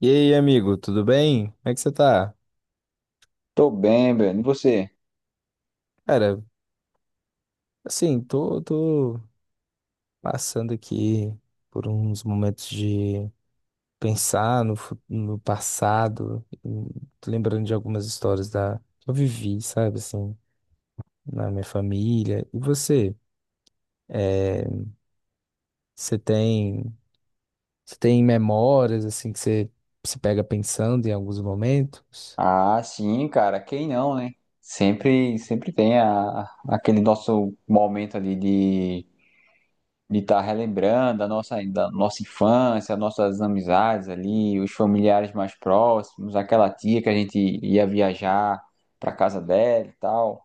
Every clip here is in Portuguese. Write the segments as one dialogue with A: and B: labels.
A: E aí, amigo, tudo bem? Como é que você tá?
B: Tô bem, Breno. E você?
A: Cara, assim, tô passando aqui por uns momentos de pensar no passado. Tô lembrando de algumas histórias que eu vivi, sabe, assim, na minha família. E você? Você tem, você tem memórias, assim, que você se pega pensando em alguns momentos?
B: Ah, sim, cara. Quem não, né? Sempre tem aquele nosso momento ali de estar relembrando da nossa infância, nossas amizades ali, os familiares mais próximos, aquela tia que a gente ia viajar pra casa dela e tal.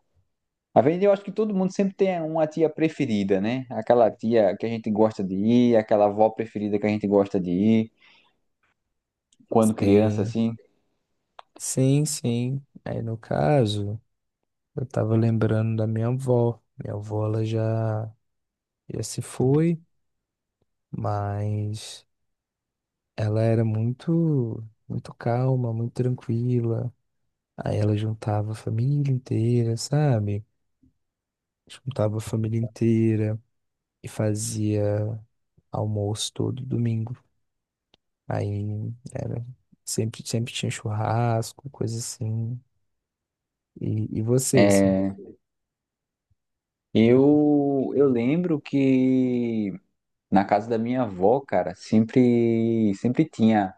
B: Às vezes eu acho que todo mundo sempre tem uma tia preferida, né? Aquela tia que a gente gosta de ir, aquela avó preferida que a gente gosta de ir quando criança,
A: Sim,
B: assim.
A: sim, sim. Aí, no caso, eu tava lembrando da minha avó. Minha avó, ela já. Já se foi, mas ela era muito, muito calma, muito tranquila. Aí ela juntava a família inteira, sabe? Juntava a família inteira e fazia almoço todo domingo. Aí era sempre, sempre tinha churrasco, coisa assim. E você, assim?
B: É, eu lembro que na casa da minha avó, cara, sempre tinha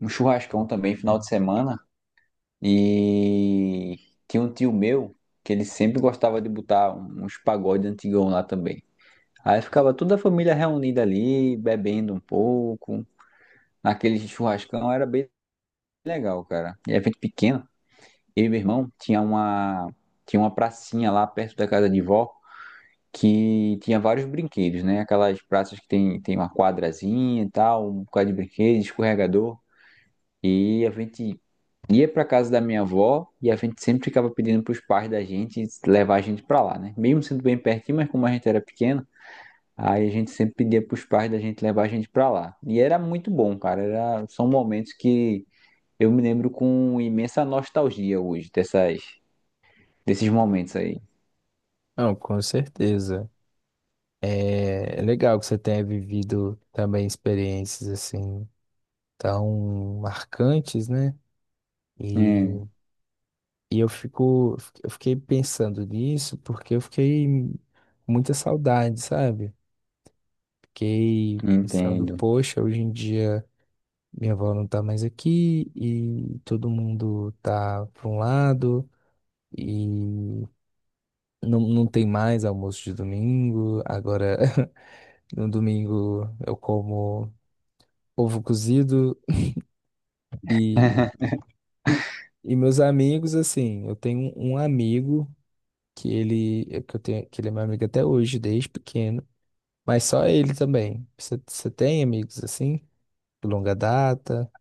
B: um churrascão também, final de semana. E tinha um tio meu que ele sempre gostava de botar uns pagodes antigão lá também. Aí ficava toda a família reunida ali, bebendo um pouco. Naquele churrascão era bem legal, cara. E a gente pequeno, eu e meu irmão, tinha uma pracinha lá perto da casa de vó, que tinha vários brinquedos, né? Aquelas praças que tem uma quadrazinha e tal, um bocado de brinquedo, escorregador. E a gente ia pra casa da minha avó e a gente sempre ficava pedindo pros pais da gente levar a gente pra lá, né? Mesmo sendo bem pertinho, mas como a gente era pequeno, aí a gente sempre pedia pros pais da gente levar a gente pra lá. E era muito bom, cara. Era, são momentos que eu me lembro com imensa nostalgia hoje desses momentos aí.
A: Não, com certeza. É, é legal que você tenha vivido também experiências assim tão marcantes, né? E
B: É,
A: E eu fico, eu fiquei pensando nisso porque eu fiquei com muita saudade, sabe? Fiquei pensando,
B: entendo.
A: poxa, hoje em dia minha avó não tá mais aqui e todo mundo tá para um lado e não tem mais almoço de domingo. Agora, no domingo eu como ovo cozido e, e meus amigos, assim, eu tenho um amigo que ele, que eu tenho, que ele é meu amigo até hoje, desde pequeno. Mas só ele também. Você tem amigos assim, de longa data?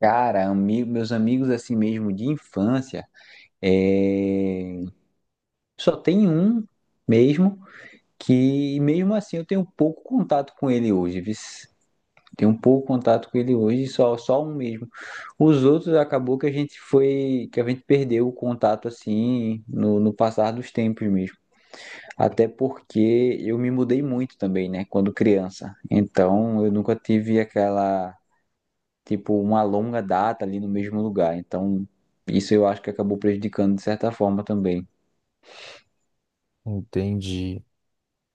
B: Cara, meus amigos assim mesmo de infância, é, só tem um mesmo. Que mesmo assim eu tenho pouco contato com ele hoje, viu? Tenho pouco contato com ele hoje, só um mesmo. Os outros acabou que a gente foi, que a gente perdeu o contato assim no passar dos tempos mesmo. Até porque eu me mudei muito também, né, quando criança. Então eu nunca tive aquela, tipo, uma longa data ali no mesmo lugar. Então, isso eu acho que acabou prejudicando de certa forma também.
A: Entendi.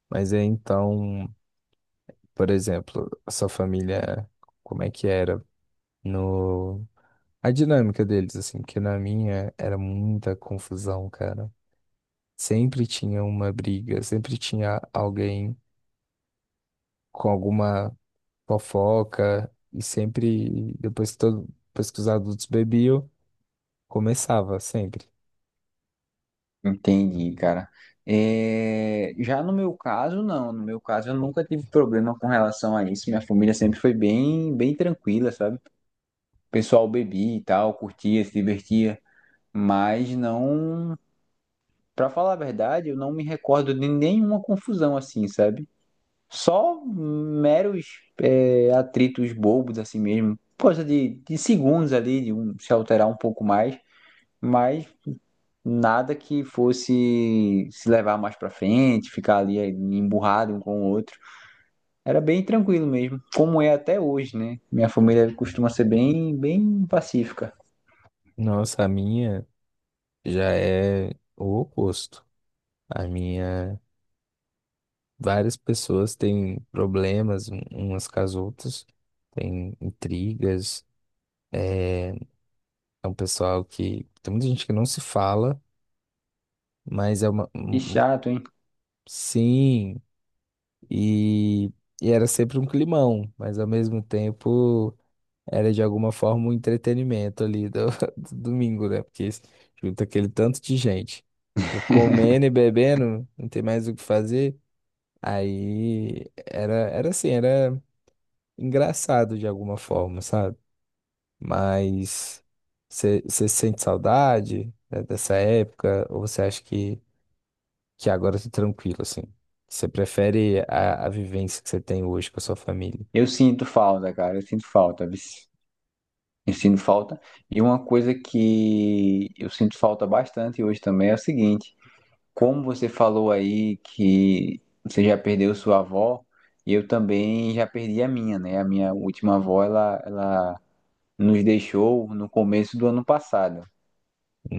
A: Mas é então, por exemplo, a sua família, como é que era no... A dinâmica deles, assim, porque na minha era muita confusão, cara. Sempre tinha uma briga, sempre tinha alguém com alguma fofoca, e sempre, depois que os adultos bebiam, começava, sempre.
B: Entendi, cara. É, já no meu caso, não. No meu caso, eu nunca tive problema com relação a isso. Minha família sempre foi bem, bem tranquila, sabe? O pessoal bebia e tal, curtia, se divertia, mas não. Pra falar a verdade, eu não me recordo de nenhuma confusão assim, sabe? Só meros, é, atritos bobos, assim mesmo. Coisa de segundos ali, de um se alterar um pouco mais, mas nada que fosse se levar mais pra frente, ficar ali, é, emburrado um com o outro. Era bem tranquilo mesmo, como é até hoje, né? Minha família costuma ser bem, bem pacífica.
A: Nossa, a minha já é o oposto. A minha, várias pessoas têm problemas umas com as outras, têm intrigas. É um pessoal que tem muita gente que não se fala, mas é uma
B: E
A: um,
B: chato, hein?
A: sim, e, e era sempre um climão, mas ao mesmo tempo era de alguma forma um entretenimento ali do, do domingo, né? Porque junta aquele tanto de gente, fica comendo e bebendo, não tem mais o que fazer. Aí era engraçado de alguma forma, sabe? Mas você sente saudade, né, dessa época? Ou você acha que agora tá tranquilo, assim? Você prefere a vivência que você tem hoje com a sua família?
B: Eu sinto falta, cara, eu sinto falta, vice. Eu sinto falta. E uma coisa que eu sinto falta bastante hoje também é o seguinte. Como você falou aí que você já perdeu sua avó, eu também já perdi a minha, né? A minha última avó, ela nos deixou no começo do ano passado,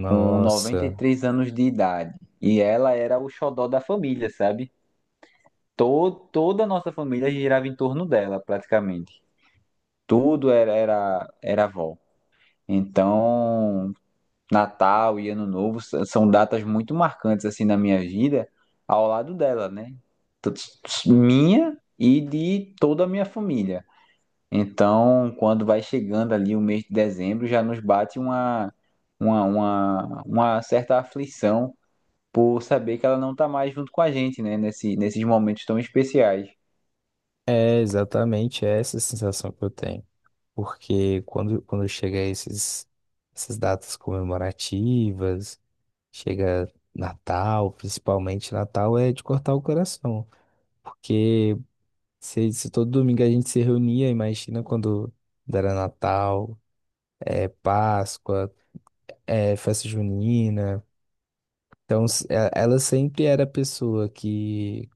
B: com 93 anos de idade. E ela era o xodó da família, sabe? Todo, toda a nossa família girava em torno dela, praticamente. Tudo era avó. Então, Natal e Ano Novo são datas muito marcantes assim na minha vida, ao lado dela, né? Minha e de toda a minha família. Então, quando vai chegando ali o mês de dezembro, já nos bate uma certa aflição por saber que ela não tá mais junto com a gente, né? Nesses momentos tão especiais.
A: é exatamente essa sensação que eu tenho. Porque quando chega essas datas comemorativas, chega Natal, principalmente Natal, é de cortar o coração. Porque se todo domingo a gente se reunia, imagina quando era Natal, é, Páscoa, é, festa junina. Então, ela sempre era a pessoa que,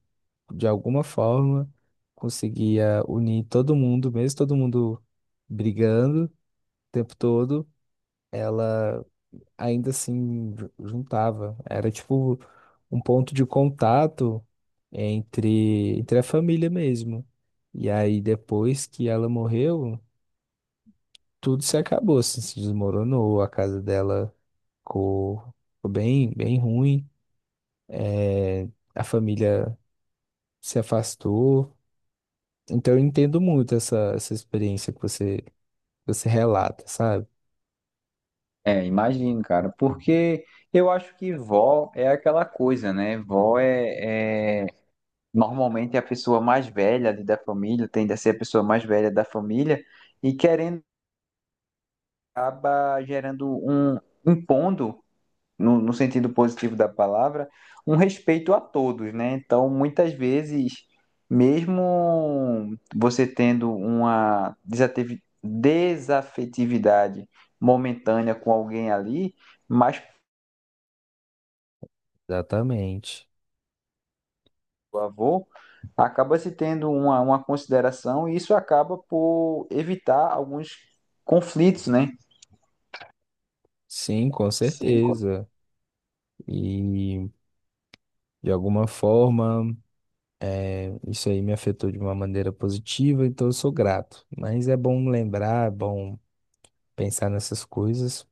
A: de alguma forma, conseguia unir todo mundo, mesmo todo mundo brigando o tempo todo. Ela ainda assim juntava. Era tipo um ponto de contato entre a família mesmo. E aí, depois que ela morreu, tudo se acabou, assim, se desmoronou, a casa dela ficou, ficou bem, bem ruim, é, a família se afastou. Então, eu entendo muito essa experiência que você relata, sabe?
B: É, imagino, cara, porque eu acho que vó é aquela coisa, né? Vó é... Normalmente é a pessoa mais velha ali da família, tende a ser a pessoa mais velha da família, e querendo acaba gerando um, impondo, no sentido positivo da palavra, um respeito a todos, né? Então muitas vezes mesmo você tendo uma desafetividade momentânea com alguém ali, mas
A: Exatamente.
B: do avô, acaba se tendo uma consideração e isso acaba por evitar alguns conflitos, né?
A: Sim, com
B: Sim.
A: certeza. E de alguma forma. Isso aí me afetou de uma maneira positiva, então eu sou grato. Mas é bom lembrar, é bom pensar nessas coisas.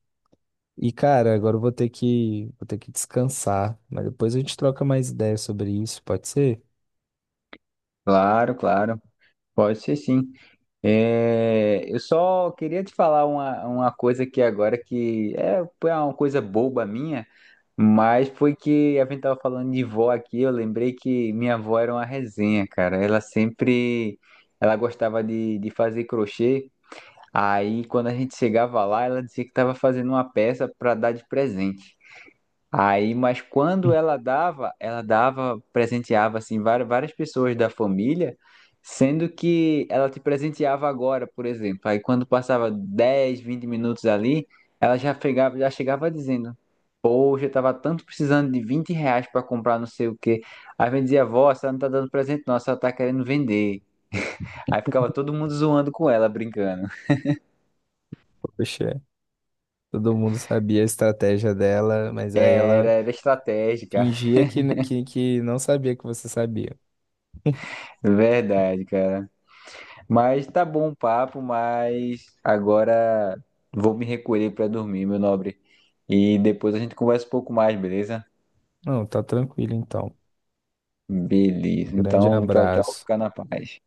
A: E, cara, agora eu vou ter que descansar, mas depois a gente troca mais ideias sobre isso, pode ser?
B: Claro, claro. Pode ser sim. É, eu só queria te falar uma coisa aqui agora que é, foi uma coisa boba minha, mas foi que a gente tava falando de vó aqui, eu lembrei que minha avó era uma resenha, cara. Ela sempre, ela gostava de fazer crochê. Aí, quando a gente chegava lá, ela dizia que estava fazendo uma peça para dar de presente. Aí, mas quando ela dava, presenteava assim várias, várias pessoas da família, sendo que ela te presenteava agora, por exemplo. Aí, quando passava 10, 20 minutos ali, ela já chegava, dizendo: "Poxa, eu tava tanto precisando de 20 reais para comprar não sei o quê." Aí, a gente dizia: "Vó, você não tá dando presente, não, ela só tá querendo vender." Aí ficava todo mundo zoando com ela, brincando.
A: Poxa, todo mundo sabia a estratégia dela, mas aí ela
B: Era estratégica,
A: fingia que não sabia que você sabia.
B: verdade, cara. Mas tá bom o papo, mas agora vou me recolher pra dormir, meu nobre. E depois a gente conversa um pouco mais, beleza?
A: Não, tá tranquilo então.
B: Beleza.
A: Grande
B: Então, tchau, tchau.
A: abraço.
B: Fica na paz.